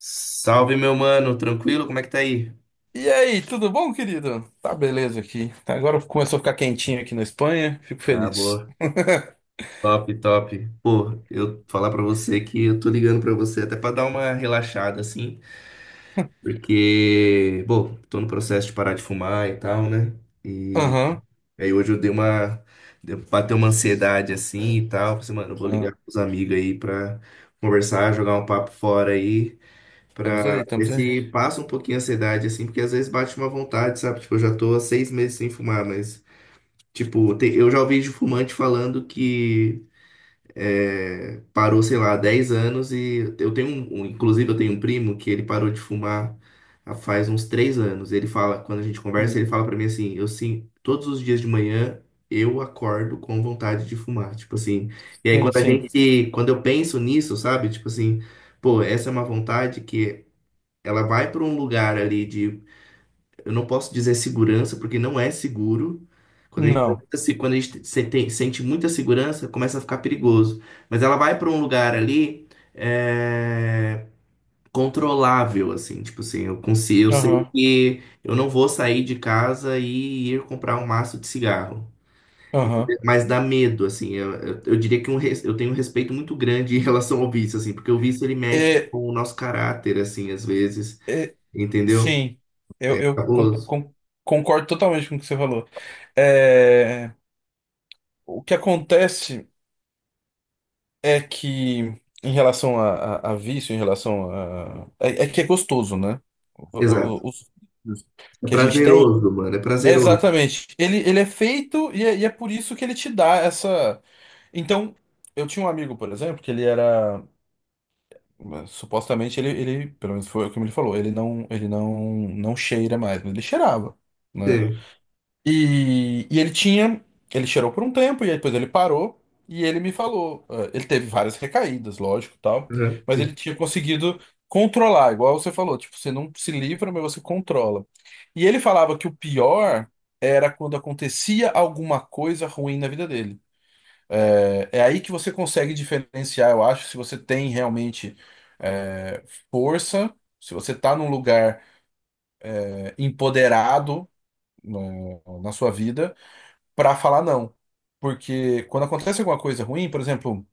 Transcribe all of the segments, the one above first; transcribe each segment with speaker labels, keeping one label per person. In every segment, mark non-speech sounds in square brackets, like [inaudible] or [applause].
Speaker 1: Salve, meu mano, tranquilo? Como é que tá aí?
Speaker 2: E aí, tudo bom, querido? Tá beleza aqui. Agora começou a ficar quentinho aqui na Espanha, fico
Speaker 1: Ah,
Speaker 2: feliz.
Speaker 1: boa.
Speaker 2: [laughs]
Speaker 1: Top, top. Pô, eu falar pra você que eu tô ligando pra você até pra dar uma relaxada assim, porque, bom, tô no processo de parar de fumar e tal, né? E
Speaker 2: Aham,
Speaker 1: aí hoje eu dei uma bateu uma ansiedade assim e tal, falei, assim, mano, eu vou ligar
Speaker 2: ah,
Speaker 1: pros amigos aí pra conversar, jogar um papo fora aí.
Speaker 2: estamos aí,
Speaker 1: Pra
Speaker 2: estamos
Speaker 1: ver
Speaker 2: aí.
Speaker 1: se passa um pouquinho a ansiedade, assim, porque às vezes bate uma vontade, sabe? Tipo, eu já tô há seis meses sem fumar, mas tipo, eu já ouvi de fumante falando que é, parou, sei lá, há 10 anos e eu tenho inclusive eu tenho um primo que ele parou de fumar há faz uns 3 anos. Ele fala, quando a gente conversa,
Speaker 2: Hum.
Speaker 1: ele fala pra mim assim, eu sim, todos os dias de manhã eu acordo com vontade de fumar, tipo assim. E aí
Speaker 2: Sim, sim.
Speaker 1: quando eu penso nisso, sabe? Tipo assim, pô, essa é uma vontade que ela vai pra um lugar ali, eu não posso dizer segurança, porque não é seguro. Quando a gente, tem
Speaker 2: Não.
Speaker 1: muita se- quando a gente se- tem- sente muita segurança, começa a ficar perigoso. Mas ela vai para um lugar ali, é, controlável, assim, tipo assim, eu consigo, eu sei
Speaker 2: Aham,
Speaker 1: que eu não vou sair de casa e ir comprar um maço de cigarro.
Speaker 2: aham.
Speaker 1: Entendeu? Mas dá medo, assim, eu diria que eu tenho um respeito muito grande em relação ao vício, assim, porque o vício ele mexe
Speaker 2: É,
Speaker 1: com o nosso caráter, assim, às vezes,
Speaker 2: é,
Speaker 1: entendeu?
Speaker 2: sim, eu,
Speaker 1: É
Speaker 2: eu
Speaker 1: cabuloso.
Speaker 2: concordo totalmente com o que você falou. É, o que acontece é que, em relação a, a vício, em relação a. É que é gostoso, né?
Speaker 1: Exato.
Speaker 2: Os vícios
Speaker 1: É
Speaker 2: que a gente tem.
Speaker 1: prazeroso, mano. É prazeroso.
Speaker 2: Exatamente. Ele é feito e é por isso que ele te dá essa. Então, eu tinha um amigo, por exemplo, que ele era. Supostamente ele, pelo menos foi o que ele falou, ele não, não cheira mais, mas ele cheirava. Né?
Speaker 1: Sim.
Speaker 2: E ele tinha, ele cheirou por um tempo, e aí depois ele parou, e ele me falou. Ele teve várias recaídas, lógico, tal,
Speaker 1: Uhum,
Speaker 2: mas
Speaker 1: sim.
Speaker 2: ele tinha conseguido controlar, igual você falou, tipo, você não se livra, mas você controla. E ele falava que o pior era quando acontecia alguma coisa ruim na vida dele. É, é aí que você consegue diferenciar, eu acho, se você tem realmente eh, força, se você tá num lugar empoderado na sua vida para falar não. Porque quando acontece alguma coisa ruim, por exemplo,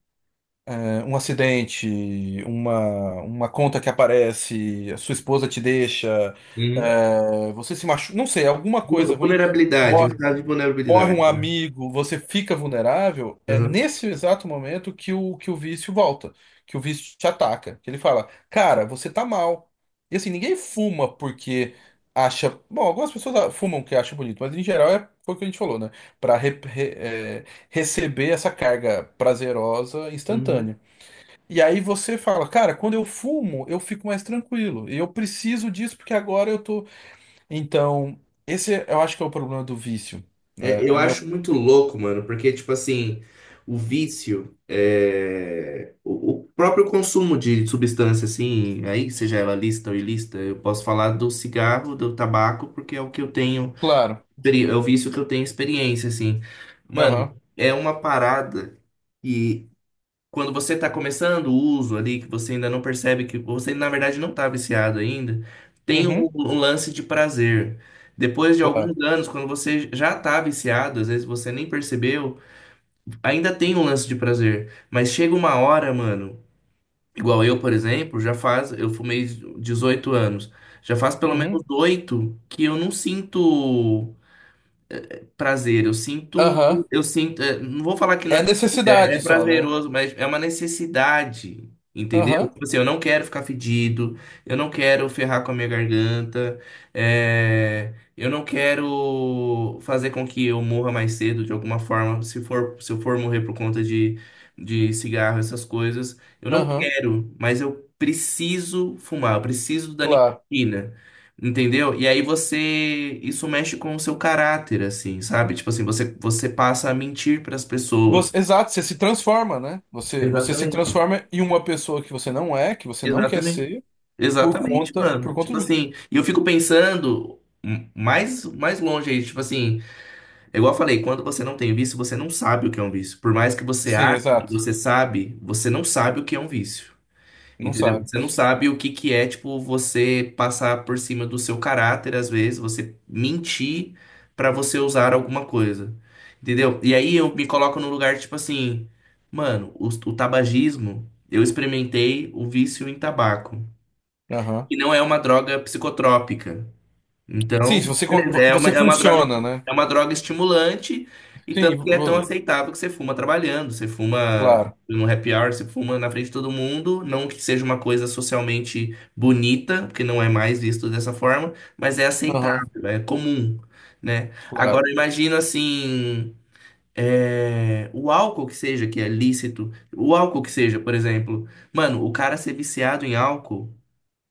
Speaker 2: é, um acidente, uma conta que aparece, a sua esposa te deixa,
Speaker 1: Uhum.
Speaker 2: é, você se machuca, não sei, alguma coisa ruim
Speaker 1: Vulnerabilidade, um estado de
Speaker 2: morre
Speaker 1: vulnerabilidade,
Speaker 2: um
Speaker 1: né?
Speaker 2: amigo, você fica vulnerável, é
Speaker 1: Uhum.
Speaker 2: nesse exato momento que o vício volta, que o vício te ataca. Que ele fala, cara, você tá mal. E assim, ninguém fuma porque acha. Bom, algumas pessoas fumam que acham bonito, mas em geral é foi o que a gente falou, né? Pra receber essa carga prazerosa
Speaker 1: Uhum.
Speaker 2: instantânea. E aí você fala, cara, quando eu fumo, eu fico mais tranquilo. E eu preciso disso porque agora eu tô. Então, esse é, eu acho que é o problema do vício né?
Speaker 1: É,
Speaker 2: O
Speaker 1: eu
Speaker 2: meu
Speaker 1: acho muito louco, mano, porque, tipo assim, o vício, é, o próprio consumo de substância, assim, aí, seja ela lista ou ilícita, eu posso falar do cigarro, do tabaco, porque é o que eu tenho,
Speaker 2: Claro.
Speaker 1: é o vício que eu tenho experiência, assim. Mano,
Speaker 2: Aham.
Speaker 1: é uma parada. E quando você está começando o uso ali, que você ainda não percebe que você, na verdade, não está viciado ainda, tem um,
Speaker 2: Uhum.
Speaker 1: um lance de prazer. Depois de
Speaker 2: Claro.
Speaker 1: alguns anos, quando você já está viciado, às vezes você nem percebeu, ainda tem um lance de prazer. Mas chega uma hora, mano, igual eu, por exemplo, já faz, eu fumei 18 anos, já faz pelo menos
Speaker 2: Uhum.
Speaker 1: 8 que eu não sinto prazer. Eu sinto,
Speaker 2: Aham.
Speaker 1: eu sinto, é, não vou falar que não é
Speaker 2: É
Speaker 1: prazer, é
Speaker 2: necessidade só, né?
Speaker 1: prazeroso, mas é uma necessidade, entendeu?
Speaker 2: Aham.
Speaker 1: Tipo assim, eu não quero ficar fedido, eu não quero ferrar com a minha garganta, é, eu não quero fazer com que eu morra mais cedo de alguma forma, se for, se eu for morrer de cigarro, essas coisas. Eu não
Speaker 2: Aham.
Speaker 1: quero, mas eu preciso fumar, eu preciso da
Speaker 2: Claro.
Speaker 1: nicotina. Entendeu? E aí você, isso mexe com o seu caráter, assim, sabe? Tipo assim, você passa a mentir para as pessoas.
Speaker 2: Você, exato, você se transforma, né? Você se
Speaker 1: Exatamente.
Speaker 2: transforma em uma pessoa que você não é, que você não quer
Speaker 1: Exatamente.
Speaker 2: ser, por
Speaker 1: Exatamente,
Speaker 2: conta,
Speaker 1: mano.
Speaker 2: por conta
Speaker 1: Tipo
Speaker 2: de.
Speaker 1: assim, e eu fico pensando mais longe aí, tipo assim, é igual eu falei, quando você não tem vício, você não sabe o que é um vício. Por mais que você
Speaker 2: Sim,
Speaker 1: ache que
Speaker 2: exato.
Speaker 1: você sabe, você não sabe o que é um vício.
Speaker 2: Não
Speaker 1: Entendeu?
Speaker 2: sabe.
Speaker 1: Você não sabe o que que é, tipo, você passar por cima do seu caráter, às vezes, você mentir pra você usar alguma coisa. Entendeu? E aí eu me coloco no lugar, tipo assim, mano, o tabagismo, eu experimentei o vício em tabaco,
Speaker 2: Aham.
Speaker 1: que não é uma droga psicotrópica.
Speaker 2: Sim,
Speaker 1: Então,
Speaker 2: se você, con-
Speaker 1: beleza,
Speaker 2: vo- você funciona, né?
Speaker 1: é uma droga estimulante e
Speaker 2: Sim,
Speaker 1: tanto que é tão aceitável que você fuma trabalhando, você fuma
Speaker 2: claro.
Speaker 1: no happy hour, você fuma na frente de todo mundo, não que seja uma coisa socialmente bonita, porque não é mais visto dessa forma, mas é
Speaker 2: Aham,
Speaker 1: aceitável, é comum, né?
Speaker 2: claro.
Speaker 1: Agora imagina assim, é, o álcool que seja, que é lícito, o álcool que seja, por exemplo, mano, o cara ser viciado em álcool,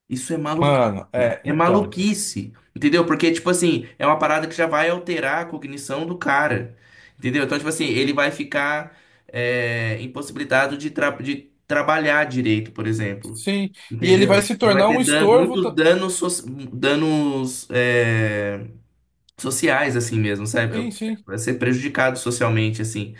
Speaker 1: isso é maluquice.
Speaker 2: Mano, é,
Speaker 1: É
Speaker 2: então.
Speaker 1: maluquice. Entendeu? Porque, tipo assim, é uma parada que já vai alterar a cognição do cara. Entendeu? Então, tipo assim, ele vai ficar é, impossibilitado de, de trabalhar direito, por exemplo.
Speaker 2: Sim. E ele vai
Speaker 1: Entendeu?
Speaker 2: se
Speaker 1: Ele vai
Speaker 2: tornar
Speaker 1: ter
Speaker 2: um
Speaker 1: dan
Speaker 2: estorvo.
Speaker 1: muitos danos, danos é, sociais, assim mesmo, sabe?
Speaker 2: Sim, sim.
Speaker 1: Vai ser prejudicado socialmente, assim.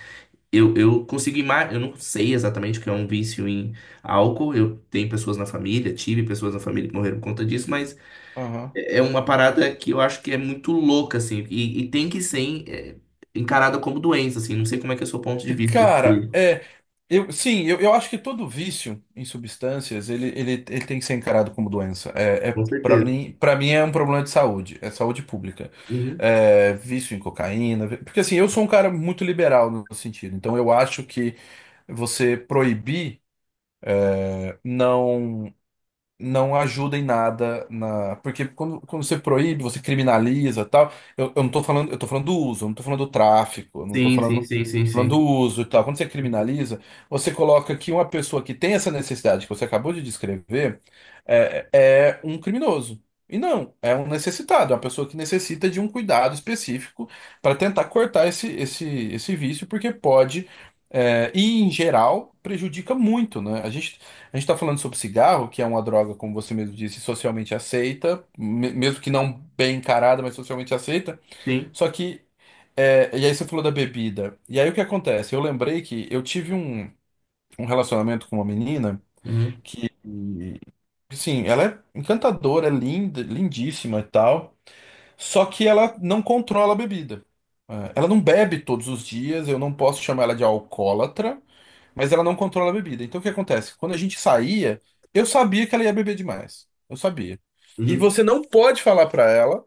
Speaker 1: Eu consigo imaginar, eu não sei exatamente o que é um vício em álcool. Eu tenho pessoas na família, tive pessoas na família que morreram por conta disso, mas
Speaker 2: Aham.
Speaker 1: é uma parada que eu acho que é muito louca, assim, e tem que ser é, encarada como doença, assim. Não sei como é que é o seu ponto de vista sobre
Speaker 2: Cara,
Speaker 1: isso.
Speaker 2: é, eu, sim, eu acho que todo vício em substâncias, ele tem que ser encarado como doença. É,
Speaker 1: Com certeza.
Speaker 2: para mim é um problema de saúde, é saúde pública.
Speaker 1: Uhum.
Speaker 2: É, vício em cocaína, porque assim, eu sou um cara muito liberal no sentido, então eu acho que você proibir não não ajuda em nada na. Porque quando você proíbe, você criminaliza e tal. Eu não tô falando, eu tô falando do uso, eu não tô falando do tráfico, eu não tô
Speaker 1: Sim,
Speaker 2: falando,
Speaker 1: sim, sim, sim,
Speaker 2: tô falando do
Speaker 1: sim.
Speaker 2: uso e tal. Quando você criminaliza, você coloca que uma pessoa que tem essa necessidade que você acabou de descrever é um criminoso. E não, é um necessitado, é uma pessoa que necessita de um cuidado específico para tentar cortar esse vício, porque pode, e em geral, prejudica muito, né? A gente está falando sobre cigarro, que é uma droga, como você mesmo disse, socialmente aceita, mesmo que não bem encarada, mas socialmente aceita.
Speaker 1: Sim.
Speaker 2: Só que, e aí você falou da bebida. E aí o que acontece? Eu lembrei que eu tive um relacionamento com uma menina
Speaker 1: Uhum.
Speaker 2: que, sim, ela é encantadora, é linda, lindíssima e tal, só que ela não controla a bebida. Ela não bebe todos os dias, eu não posso chamar ela de alcoólatra, mas ela não controla a bebida. Então o que acontece? Quando a gente saía, eu sabia que ela ia beber demais. Eu sabia. E
Speaker 1: Uhum.
Speaker 2: você não pode falar pra ela,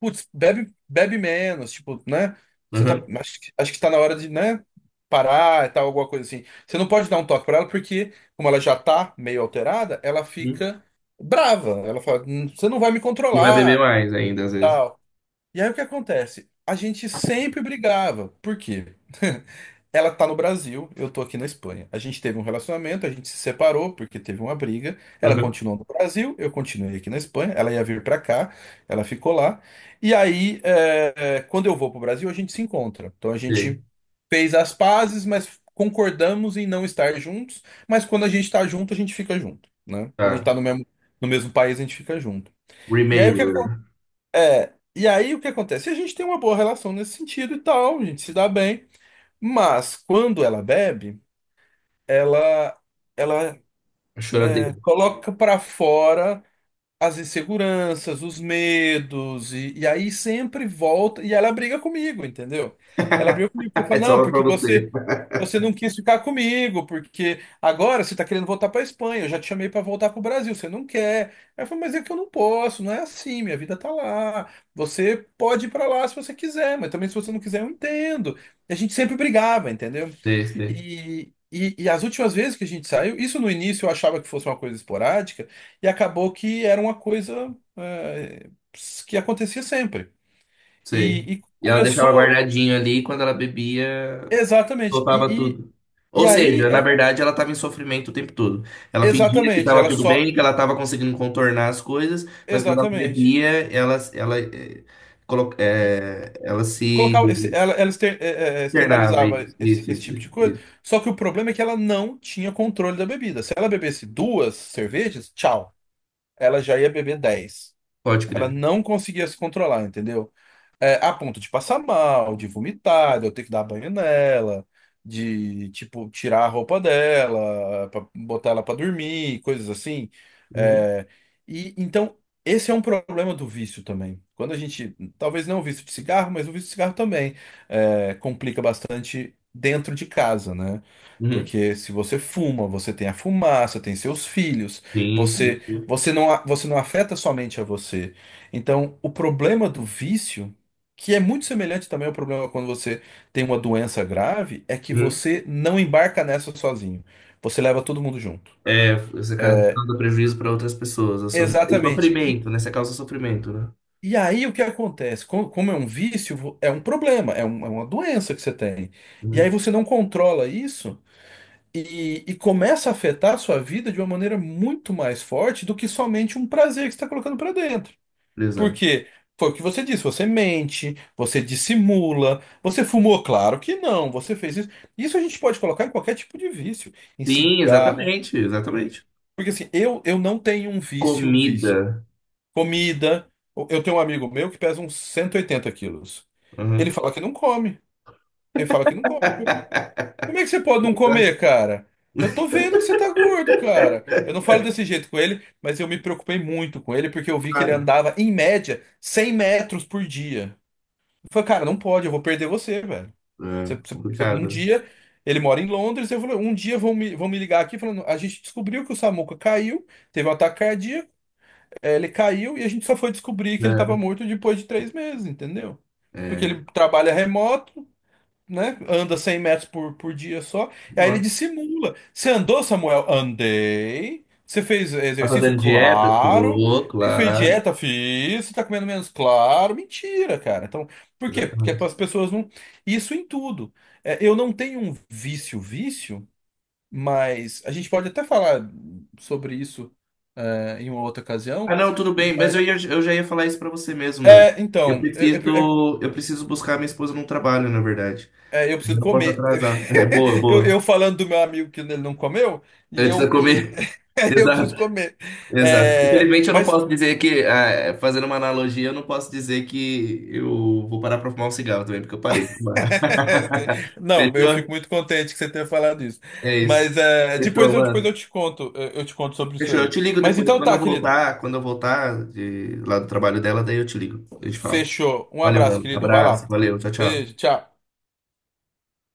Speaker 2: putz, bebe, bebe menos, tipo, né? Você tá,
Speaker 1: Uhum.
Speaker 2: acho, acho que tá na hora de, né, parar e tal, alguma coisa assim. Você não pode dar um toque pra ela porque, como ela já tá meio alterada, ela
Speaker 1: Uhum.
Speaker 2: fica brava. Ela fala, você não vai me
Speaker 1: E vai beber
Speaker 2: controlar,
Speaker 1: mais ainda, às vezes.
Speaker 2: tal. E aí o que acontece? A gente sempre brigava. Por quê? [laughs] Ela tá no Brasil, eu tô aqui na Espanha. A gente teve um relacionamento, a gente se separou porque teve uma briga. Ela
Speaker 1: Uhum.
Speaker 2: continuou no Brasil, eu continuei aqui na Espanha. Ela ia vir pra cá, ela ficou lá. E aí, quando eu vou pro Brasil, a gente se encontra. Então a gente
Speaker 1: Sim.
Speaker 2: fez as pazes, mas concordamos em não estar juntos. Mas quando a gente tá junto, a gente fica junto, né? Quando a gente
Speaker 1: Tá.
Speaker 2: tá no mesmo, país, a gente fica junto. E aí o que
Speaker 1: Remember.
Speaker 2: acontece? E aí o que acontece? A gente tem uma boa relação nesse sentido e tal, a gente se dá bem, mas quando ela bebe, ela ela
Speaker 1: A choradeira.
Speaker 2: coloca pra fora as inseguranças, os medos e aí sempre volta e ela briga comigo, entendeu? Ela briga comigo porque
Speaker 1: [laughs]
Speaker 2: fala,
Speaker 1: É
Speaker 2: não,
Speaker 1: só pra
Speaker 2: porque
Speaker 1: você.
Speaker 2: você não quis ficar comigo, porque agora você está querendo voltar para a Espanha. Eu já te chamei para voltar para o Brasil, você não quer. Aí eu falei, mas é que eu não posso, não é assim, minha vida tá lá. Você pode ir para lá se você quiser, mas também se você não quiser, eu entendo. E a gente sempre brigava, entendeu?
Speaker 1: Sei, sei.
Speaker 2: E as últimas vezes que a gente saiu, isso no início eu achava que fosse uma coisa esporádica, e acabou que era uma coisa que acontecia sempre.
Speaker 1: Sei.
Speaker 2: E
Speaker 1: E ela deixava
Speaker 2: começou
Speaker 1: guardadinho ali e quando ela bebia,
Speaker 2: exatamente.
Speaker 1: soltava
Speaker 2: E, e,
Speaker 1: tudo.
Speaker 2: e
Speaker 1: Ou
Speaker 2: aí.
Speaker 1: seja, na verdade, ela estava em sofrimento o tempo todo. Ela fingia que
Speaker 2: Exatamente,
Speaker 1: estava
Speaker 2: ela
Speaker 1: tudo
Speaker 2: só.
Speaker 1: bem, que ela estava conseguindo contornar as coisas, mas quando ela
Speaker 2: Exatamente.
Speaker 1: bebia, ela, eh, colo-
Speaker 2: E
Speaker 1: eh, ela se
Speaker 2: colocava ela
Speaker 1: internava.
Speaker 2: externalizava
Speaker 1: Isso,
Speaker 2: esse,
Speaker 1: isso,
Speaker 2: esse
Speaker 1: isso,
Speaker 2: tipo de coisa,
Speaker 1: isso.
Speaker 2: só que o problema é que ela não tinha controle da bebida. Se ela bebesse duas cervejas, tchau. Ela já ia beber 10.
Speaker 1: Pode
Speaker 2: Ela
Speaker 1: crer.
Speaker 2: não conseguia se controlar, entendeu? É, a ponto de passar mal, de vomitar, de eu ter que dar banho nela, de, tipo, tirar a roupa dela, pra botar ela pra dormir, coisas assim.
Speaker 1: Uhum.
Speaker 2: É, e então, esse é um problema do vício também. Quando a gente, talvez não o vício de cigarro, mas o vício de cigarro também complica bastante dentro de casa, né?
Speaker 1: Uhum.
Speaker 2: Porque se você fuma, você tem a fumaça, tem seus filhos,
Speaker 1: Sim, sim.
Speaker 2: você não afeta somente a você. Então, o problema do vício, que é muito semelhante também ao problema quando você tem uma doença grave, é que
Speaker 1: Uhum.
Speaker 2: você não embarca nessa sozinho. Você leva todo mundo junto.
Speaker 1: É, você causa prejuízo para outras pessoas. E
Speaker 2: Exatamente. E,
Speaker 1: sofrimento, né? Você causa sofrimento, né?
Speaker 2: e aí o que acontece? Como, é um vício, é um problema, é uma doença que você tem. E aí
Speaker 1: Uhum.
Speaker 2: você não controla isso e começa a afetar a sua vida de uma maneira muito mais forte do que somente um prazer que você está colocando para dentro.
Speaker 1: Exato.
Speaker 2: Porque foi o que você disse, você mente, você dissimula, você fumou, claro que não, você fez isso. Isso a gente pode colocar em qualquer tipo de vício, em
Speaker 1: Sim,
Speaker 2: cigarro.
Speaker 1: exatamente,
Speaker 2: em-
Speaker 1: exatamente.
Speaker 2: Porque assim, eu não tenho um vício, vício.
Speaker 1: Comida.
Speaker 2: Comida, eu tenho um amigo meu que pesa uns 180 quilos. Ele
Speaker 1: Uhum.
Speaker 2: fala que não come, ele fala que não come.
Speaker 1: [laughs]
Speaker 2: Como é que você pode não comer, cara? Eu tô vendo que você tá gordo, cara. Eu não falo desse jeito com ele, mas eu me preocupei muito com ele porque eu vi que ele
Speaker 1: Claro.
Speaker 2: andava, em média, 100 metros por dia. Eu falei, cara, não pode, eu vou perder você, velho. Você-
Speaker 1: É,
Speaker 2: você- você- um
Speaker 1: complicado.
Speaker 2: dia, ele mora em Londres, eu falei, um dia vão me, ligar aqui falando, a gente descobriu que o Samuca caiu, teve um ataque cardíaco, ele caiu e a gente só foi descobrir que ele estava morto depois de 3 meses, entendeu?
Speaker 1: É,
Speaker 2: Porque
Speaker 1: é.
Speaker 2: ele trabalha remoto, né? Anda 100 metros por dia só. E aí ele
Speaker 1: Nossa.
Speaker 2: dissimula. Você andou, Samuel? Andei. Você fez
Speaker 1: Tá
Speaker 2: exercício?
Speaker 1: fazendo dieta?
Speaker 2: Claro.
Speaker 1: Tô,
Speaker 2: Fez
Speaker 1: claro.
Speaker 2: dieta? Fiz. Você tá comendo menos? Claro. Mentira, cara. Então, por quê? Porque
Speaker 1: Exatamente.
Speaker 2: as pessoas não. Isso em tudo. É, eu, não tenho um vício, vício, mas a gente pode até falar sobre isso, em uma outra
Speaker 1: Ah,
Speaker 2: ocasião.
Speaker 1: não, tudo bem, mas
Speaker 2: Mas,
Speaker 1: eu já ia falar isso pra você mesmo, mano. Eu
Speaker 2: então,
Speaker 1: preciso, eu preciso buscar minha esposa no trabalho, na verdade.
Speaker 2: Eu
Speaker 1: Eu
Speaker 2: preciso
Speaker 1: não posso
Speaker 2: comer.
Speaker 1: atrasar. É, boa,
Speaker 2: [laughs] Eu,
Speaker 1: boa.
Speaker 2: eu falando do meu amigo que ele não comeu, e
Speaker 1: Antes da
Speaker 2: eu que.
Speaker 1: comer.
Speaker 2: [laughs]
Speaker 1: [laughs]
Speaker 2: Eu preciso
Speaker 1: Exato.
Speaker 2: comer.
Speaker 1: Exato.
Speaker 2: É,
Speaker 1: Infelizmente, eu não
Speaker 2: mas.
Speaker 1: posso dizer que, ah, fazendo uma analogia, eu não posso dizer que eu vou parar pra fumar um cigarro também, porque eu parei de fumar.
Speaker 2: [laughs]
Speaker 1: [laughs]
Speaker 2: Não, eu fico
Speaker 1: Fechou?
Speaker 2: muito contente que você tenha falado isso.
Speaker 1: É isso.
Speaker 2: Mas
Speaker 1: Fechou,
Speaker 2: depois eu,
Speaker 1: mano.
Speaker 2: te conto, eu te conto sobre isso
Speaker 1: Fechou. Eu
Speaker 2: aí.
Speaker 1: te ligo
Speaker 2: Mas
Speaker 1: depois.
Speaker 2: então tá, querido.
Speaker 1: Quando eu voltar de lá do trabalho dela, daí eu te ligo. A gente fala.
Speaker 2: Fechou. Um
Speaker 1: Valeu,
Speaker 2: abraço,
Speaker 1: mano.
Speaker 2: querido. Vai lá.
Speaker 1: Abraço. Valeu. Tchau,
Speaker 2: Beijo,
Speaker 1: tchau.
Speaker 2: tchau.